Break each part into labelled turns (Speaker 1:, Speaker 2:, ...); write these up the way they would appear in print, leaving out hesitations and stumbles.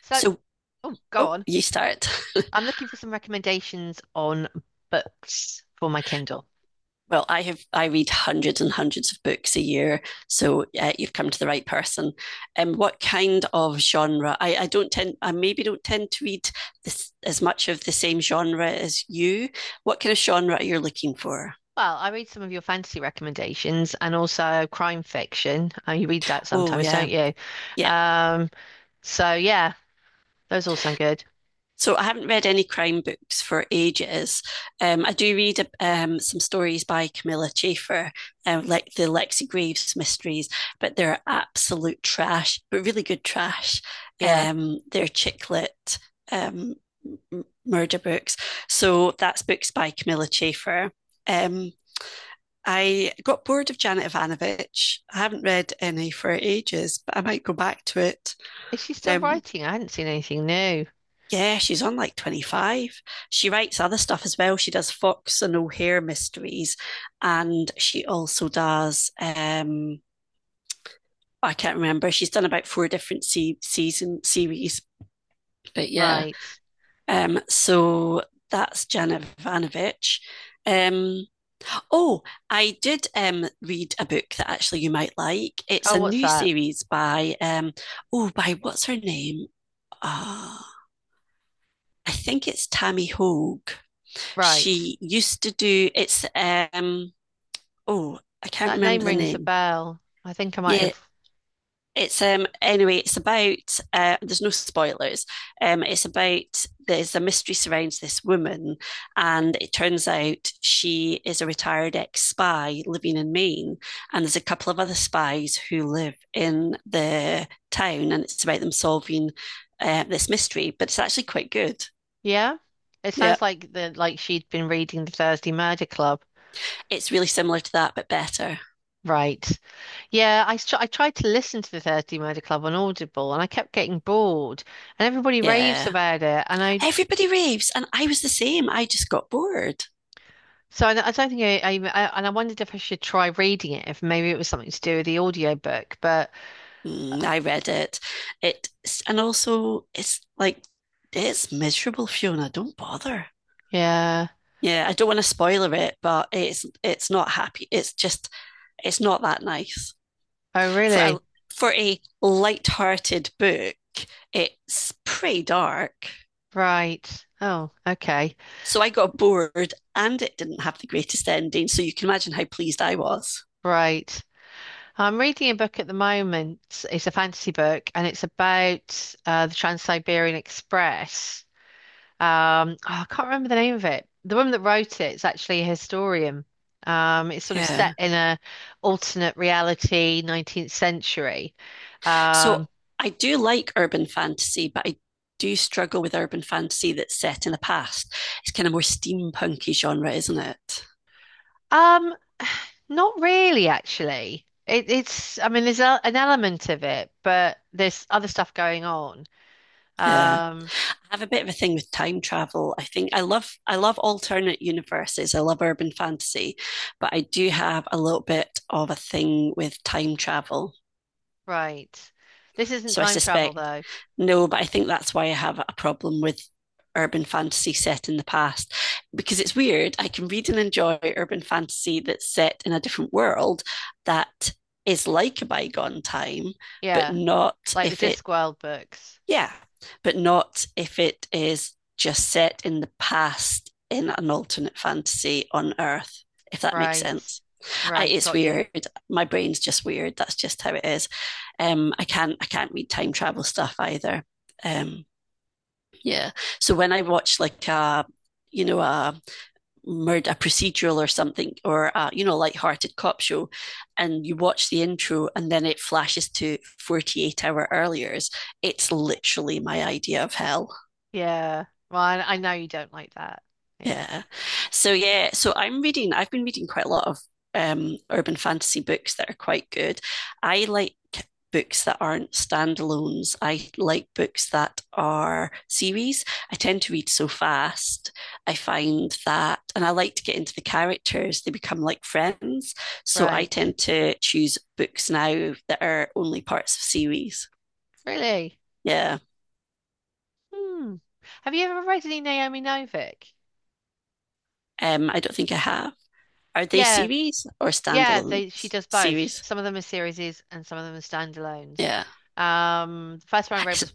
Speaker 1: So,
Speaker 2: So,
Speaker 1: oh, go
Speaker 2: oh,
Speaker 1: on.
Speaker 2: you start.
Speaker 1: I'm looking for some recommendations on books for my Kindle.
Speaker 2: Well, I read hundreds and hundreds of books a year, so you've come to the right person. What kind of genre? I don't tend, I maybe don't tend to read this, as much of the same genre as you. What kind of genre are you looking for?
Speaker 1: Well, I read some of your fantasy recommendations and also crime fiction. You read that
Speaker 2: Oh
Speaker 1: sometimes, don't
Speaker 2: yeah,
Speaker 1: you?
Speaker 2: yeah.
Speaker 1: Um, so yeah, those all sound good.
Speaker 2: So I haven't read any crime books for ages. I do read some stories by Camilla Chafer, like the Lexi Graves mysteries, but they're absolute trash, but really good trash.
Speaker 1: Yeah.
Speaker 2: They're chick lit, um, murder books. So that's books by Camilla Chafer. Um, I got bored of Janet Ivanovic. I haven't read any for ages, but I might go back to it.
Speaker 1: Is she still
Speaker 2: Um,
Speaker 1: writing? I hadn't seen anything new.
Speaker 2: yeah, she's on like 25. She writes other stuff as well. She does Fox and O'Hare mysteries, and she also does, I can't remember. She's done about four different season series, but yeah.
Speaker 1: Right.
Speaker 2: So that's Jana Ivanovic. Um, oh, I did read a book that actually you might like. It's
Speaker 1: Oh,
Speaker 2: a
Speaker 1: what's
Speaker 2: new
Speaker 1: that?
Speaker 2: series by, oh, by what's her name? Ah, uh, I think it's Tammy Hogue.
Speaker 1: Right.
Speaker 2: She used to do, it's um oh I can't
Speaker 1: That name
Speaker 2: remember the
Speaker 1: rings a
Speaker 2: name.
Speaker 1: bell. I think I might
Speaker 2: Yeah,
Speaker 1: have.
Speaker 2: it's anyway, it's about, there's no spoilers. It's about, there's a mystery surrounds this woman, and it turns out she is a retired ex spy living in Maine, and there's a couple of other spies who live in the town, and it's about them solving this mystery. But it's actually quite good.
Speaker 1: Yeah. It
Speaker 2: Yeah,
Speaker 1: sounds like the like she'd been reading the Thursday Murder Club.
Speaker 2: it's really similar to that, but better.
Speaker 1: Right. Yeah, I tried to listen to the Thursday Murder Club on Audible and I kept getting bored and everybody raves
Speaker 2: Yeah.
Speaker 1: about it, and I
Speaker 2: Everybody raves, and I was the same. I just got bored.
Speaker 1: so I, I don't think I and I wondered if I should try reading it, if maybe it was something to do with the audiobook. But uh,
Speaker 2: Mm, I read it. It, and also it's like, it's miserable, Fiona. Don't bother.
Speaker 1: yeah.
Speaker 2: Yeah, I don't want to spoiler it, but it's not happy. It's just, it's not that nice
Speaker 1: Oh
Speaker 2: for a,
Speaker 1: really?
Speaker 2: for a light-hearted book. It's pretty dark.
Speaker 1: Right. Oh, okay.
Speaker 2: So I got bored, and it didn't have the greatest ending. So you can imagine how pleased I was.
Speaker 1: Right. I'm reading a book at the moment. It's a fantasy book and it's about the Trans-Siberian Express. Oh, I can't remember the name of it. The woman that wrote it is actually a historian. It's sort of set
Speaker 2: Yeah.
Speaker 1: in a alternate reality, 19th century.
Speaker 2: So
Speaker 1: Um,
Speaker 2: I do like urban fantasy, but I do struggle with urban fantasy that's set in the past. It's kind of more steampunky genre, isn't it?
Speaker 1: um, Not really, actually. It's I mean, there's an element of it, but there's other stuff going on.
Speaker 2: Yeah.
Speaker 1: Um,
Speaker 2: I have a bit of a thing with time travel. I think I love alternate universes. I love urban fantasy, but I do have a little bit of a thing with time travel.
Speaker 1: right. This isn't
Speaker 2: So I
Speaker 1: time travel,
Speaker 2: suspect,
Speaker 1: though.
Speaker 2: no, but I think that's why I have a problem with urban fantasy set in the past, because it's weird. I can read and enjoy urban fantasy that's set in a different world that is like a bygone time, but
Speaker 1: Yeah,
Speaker 2: not
Speaker 1: like the
Speaker 2: if it,
Speaker 1: Discworld books.
Speaker 2: yeah, but not if it is just set in the past in an alternate fantasy on Earth, if that makes
Speaker 1: Right.
Speaker 2: sense. I,
Speaker 1: Right,
Speaker 2: it's
Speaker 1: got you.
Speaker 2: weird. My brain's just weird. That's just how it is. I can't, I can't read time travel stuff either. Um, yeah. So when I watch like a, a murder, a procedural or something, or a, lighthearted cop show, and you watch the intro and then it flashes to 48 hour earlier, it's literally my idea of hell.
Speaker 1: Yeah. Well, I know you don't like that. Yeah.
Speaker 2: Yeah. So yeah, so I've been reading quite a lot of urban fantasy books that are quite good. I like books that aren't standalones. I like books that are series. I tend to read so fast. I find that, and I like to get into the characters. They become like friends. So I
Speaker 1: Right.
Speaker 2: tend to choose books now that are only parts of series.
Speaker 1: Really?
Speaker 2: Yeah.
Speaker 1: Hmm. Have you ever read any Naomi Novik?
Speaker 2: I don't think I have. Are they
Speaker 1: Yeah,
Speaker 2: series or
Speaker 1: yeah, they she
Speaker 2: standalones?
Speaker 1: does both.
Speaker 2: Series.
Speaker 1: Some of them are series and some of them are standalones.
Speaker 2: Yeah.
Speaker 1: The first one I read
Speaker 2: It's,
Speaker 1: was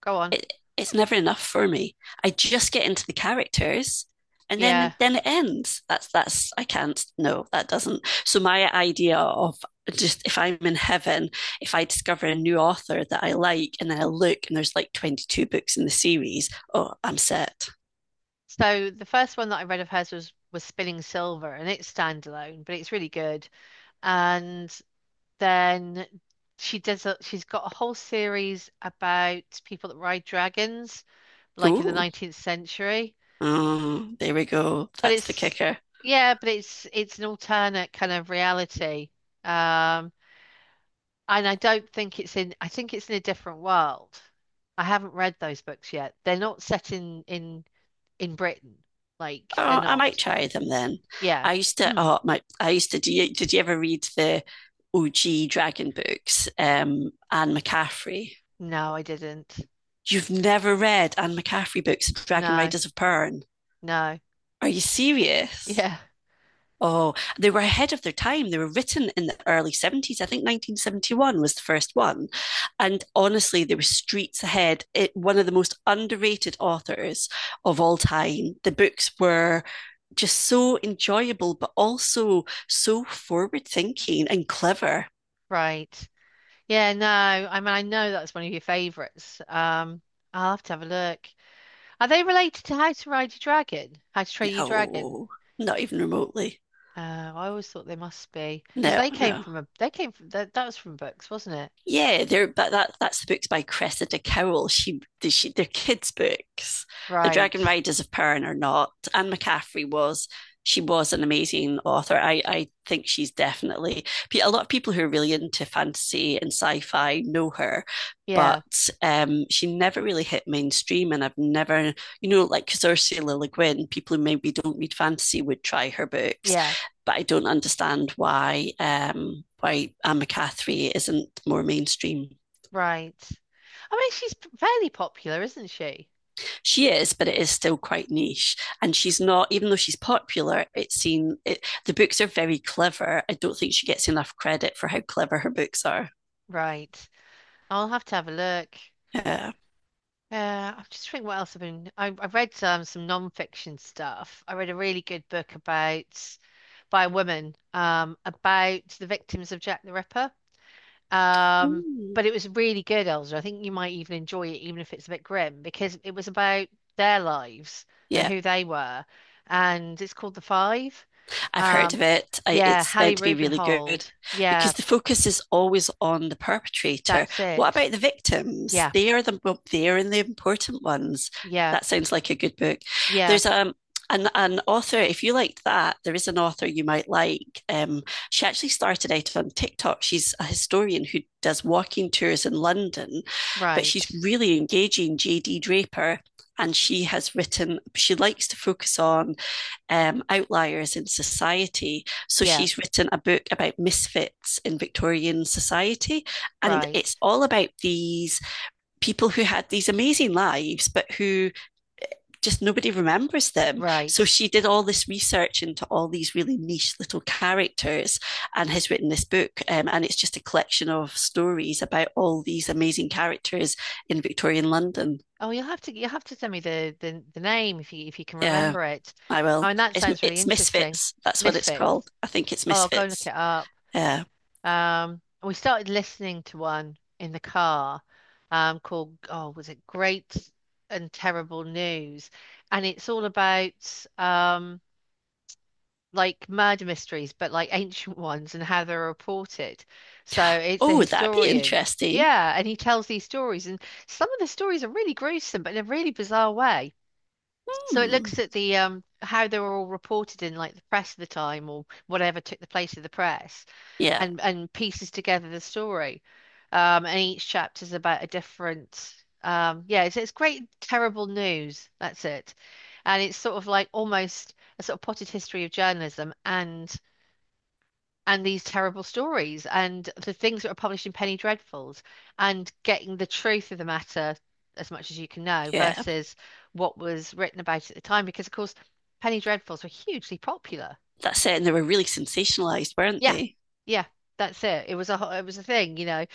Speaker 1: go on.
Speaker 2: it's never enough for me. I just get into the characters, and then
Speaker 1: Yeah.
Speaker 2: then it ends. That's I can't. No, that doesn't. So my idea of, just if I'm in heaven, if I discover a new author that I like, and then I look and there's like 22 books in the series, oh, I'm set.
Speaker 1: So the first one that I read of hers was Spinning Silver, and it's standalone, but it's really good. And then she's got a whole series about people that ride dragons, like in the
Speaker 2: Oh,
Speaker 1: 19th century.
Speaker 2: oh, there we go.
Speaker 1: But
Speaker 2: That's the
Speaker 1: it's
Speaker 2: kicker.
Speaker 1: yeah, but it's an alternate kind of reality. Um, and I don't think it's in, I think it's in a different world. I haven't read those books yet. They're not set in in Britain. Like they're
Speaker 2: Oh, I might
Speaker 1: not.
Speaker 2: try them then.
Speaker 1: Yeah.
Speaker 2: I used to, oh, my, I used to, do you, did you ever read the OG Dragon books? Anne McCaffrey.
Speaker 1: No, I didn't.
Speaker 2: You've never read Anne McCaffrey books, Dragon
Speaker 1: No,
Speaker 2: Riders of Pern.
Speaker 1: no.
Speaker 2: Are you serious?
Speaker 1: Yeah,
Speaker 2: Oh, they were ahead of their time. They were written in the early 70s. I think 1971 was the first one. And honestly, they were streets ahead. It, one of the most underrated authors of all time. The books were just so enjoyable, but also so forward thinking and clever.
Speaker 1: right. Yeah, no. I mean, I know that's one of your favorites. I'll have to have a look. Are they related to How to Ride Your Dragon? How to Train Your Dragon?
Speaker 2: No, not even remotely.
Speaker 1: I always thought they must be, because
Speaker 2: No, no.
Speaker 1: they came from that, that was from books, wasn't it?
Speaker 2: Yeah, they're, but that's the books by Cressida Cowell. She they're kids' books. The
Speaker 1: Right.
Speaker 2: Dragon Riders of Pern are not. Anne McCaffrey was. She was an amazing author. I think she's definitely a lot of people who are really into fantasy and sci-fi know her.
Speaker 1: Yeah.
Speaker 2: But she never really hit mainstream, and I've never, you know, like because Ursula Le Guin, people who maybe don't read fantasy would try her books,
Speaker 1: Yeah.
Speaker 2: but I don't understand why Anne McCaffrey isn't more mainstream.
Speaker 1: Right. I mean, she's fairly popular, isn't she?
Speaker 2: She is, but it is still quite niche, and she's not. Even though she's popular, it's seen. It, the books are very clever. I don't think she gets enough credit for how clever her books are.
Speaker 1: Right. I'll have to have a look.
Speaker 2: Yeah.
Speaker 1: I'm just thinking what else I've been. I read some non-fiction stuff. I read a really good book about by a woman about the victims of Jack the Ripper. Um,
Speaker 2: Ooh.
Speaker 1: but it was really good, Elsa. I think you might even enjoy it, even if it's a bit grim, because it was about their lives and
Speaker 2: Yeah.
Speaker 1: who they were. And it's called The Five.
Speaker 2: I've heard
Speaker 1: Um,
Speaker 2: of it. I,
Speaker 1: yeah,
Speaker 2: it's
Speaker 1: Hallie
Speaker 2: meant to be really good,
Speaker 1: Rubenhold. Yeah,
Speaker 2: because the focus is always on the perpetrator.
Speaker 1: that's
Speaker 2: What
Speaker 1: it.
Speaker 2: about the victims?
Speaker 1: Yeah,
Speaker 2: They are the, well, they are the important ones.
Speaker 1: yeah,
Speaker 2: That sounds like a good book.
Speaker 1: yeah,
Speaker 2: There's an author, if you liked that, there is an author you might like. She actually started out on TikTok. She's a historian who does walking tours in London, but she's
Speaker 1: right.
Speaker 2: really engaging, JD Draper. And she has written, she likes to focus on outliers in society. So
Speaker 1: Yeah,
Speaker 2: she's written a book about misfits in Victorian society. And
Speaker 1: right,
Speaker 2: it's all about these people who had these amazing lives, but who just nobody remembers them.
Speaker 1: right.
Speaker 2: So she did all this research into all these really niche little characters and has written this book. And it's just a collection of stories about all these amazing characters in Victorian London.
Speaker 1: Oh, you'll have to send me the name if you can
Speaker 2: Yeah.
Speaker 1: remember it.
Speaker 2: I
Speaker 1: Oh,
Speaker 2: will.
Speaker 1: and that
Speaker 2: It's,
Speaker 1: sounds really
Speaker 2: it's
Speaker 1: interesting.
Speaker 2: Misfits. That's what it's
Speaker 1: Misfits.
Speaker 2: called. I think it's
Speaker 1: Oh, I'll go and look
Speaker 2: Misfits.
Speaker 1: it up.
Speaker 2: Yeah.
Speaker 1: We started listening to one in the car, called, oh, was it Great and Terrible News? And it's all about like murder mysteries, but like ancient ones and how they're reported. So it's a
Speaker 2: Oh, would that be
Speaker 1: historian.
Speaker 2: interesting?
Speaker 1: Yeah, and he tells these stories, and some of the stories are really gruesome, but in a really bizarre way. So it
Speaker 2: Hmm.
Speaker 1: looks at the how they were all reported in like the press of the time, or whatever took the place of the press,
Speaker 2: Yeah,
Speaker 1: and pieces together the story. And each chapter's about a different. Yeah, it's great. Terrible news. That's it. And it's sort of like almost a sort of potted history of journalism, and these terrible stories and the things that are published in Penny Dreadfuls, and getting the truth of the matter as much as you can know
Speaker 2: yeah.
Speaker 1: versus what was written about at the time. Because of course, Penny Dreadfuls were hugely popular.
Speaker 2: That it. And they were really sensationalized, weren't
Speaker 1: Yeah,
Speaker 2: they?
Speaker 1: yeah, that's it. It was a it was a thing, you know.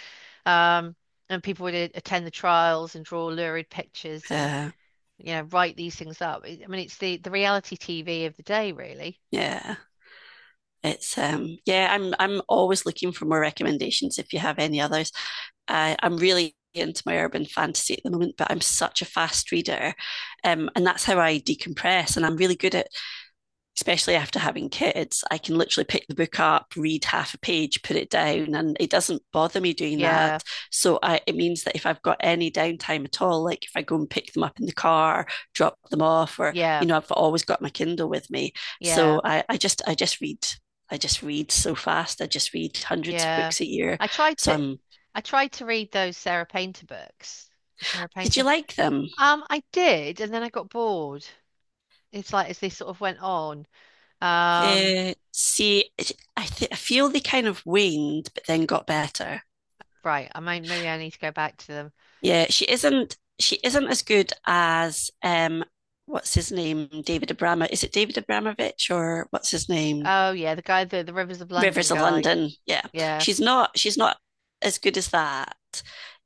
Speaker 1: Um, and people would attend the trials and draw lurid pictures and,
Speaker 2: Uh,
Speaker 1: you know, write these things up. I mean, it's the reality TV of the day, really.
Speaker 2: yeah. It's yeah, I'm always looking for more recommendations if you have any others. I'm really into my urban fantasy at the moment, but I'm such a fast reader. And that's how I decompress. And I'm really good at, especially after having kids, I can literally pick the book up, read half a page, put it down, and it doesn't bother me doing
Speaker 1: Yeah,
Speaker 2: that. So I, it means that if I've got any downtime at all, like if I go and pick them up in the car, drop them off, or you
Speaker 1: yeah,
Speaker 2: know, I've always got my Kindle with me.
Speaker 1: yeah,
Speaker 2: So I just, I just read. I just read so fast. I just read hundreds of
Speaker 1: yeah.
Speaker 2: books a year.
Speaker 1: I tried
Speaker 2: So
Speaker 1: to,
Speaker 2: I'm.
Speaker 1: I tried to read those Sarah Painter books. Sarah
Speaker 2: Did
Speaker 1: Painter.
Speaker 2: you like them?
Speaker 1: I did, and then I got bored. It's like as they sort of went on. Um,
Speaker 2: See, I feel they kind of waned, but then got better.
Speaker 1: right. I mean, maybe I need to go back to them.
Speaker 2: Yeah, she isn't as good as what's his name? David Abrama. Is it David Abramovich or what's his name?
Speaker 1: Oh yeah, the guy, the Rivers of London
Speaker 2: Rivers of
Speaker 1: guy.
Speaker 2: London. Yeah.
Speaker 1: Yeah,
Speaker 2: She's not as good as that.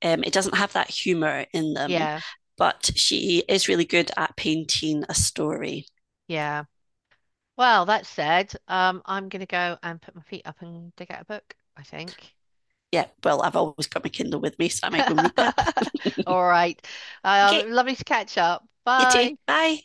Speaker 2: It doesn't have that humor in them,
Speaker 1: yeah,
Speaker 2: but she is really good at painting a story.
Speaker 1: yeah. Well, that said, I'm gonna go and put my feet up and dig out a book, I think.
Speaker 2: Yeah, well, I've always got my Kindle with me, so I might go and read that.
Speaker 1: All right.
Speaker 2: Okay,
Speaker 1: Lovely to catch up.
Speaker 2: you too.
Speaker 1: Bye.
Speaker 2: Bye.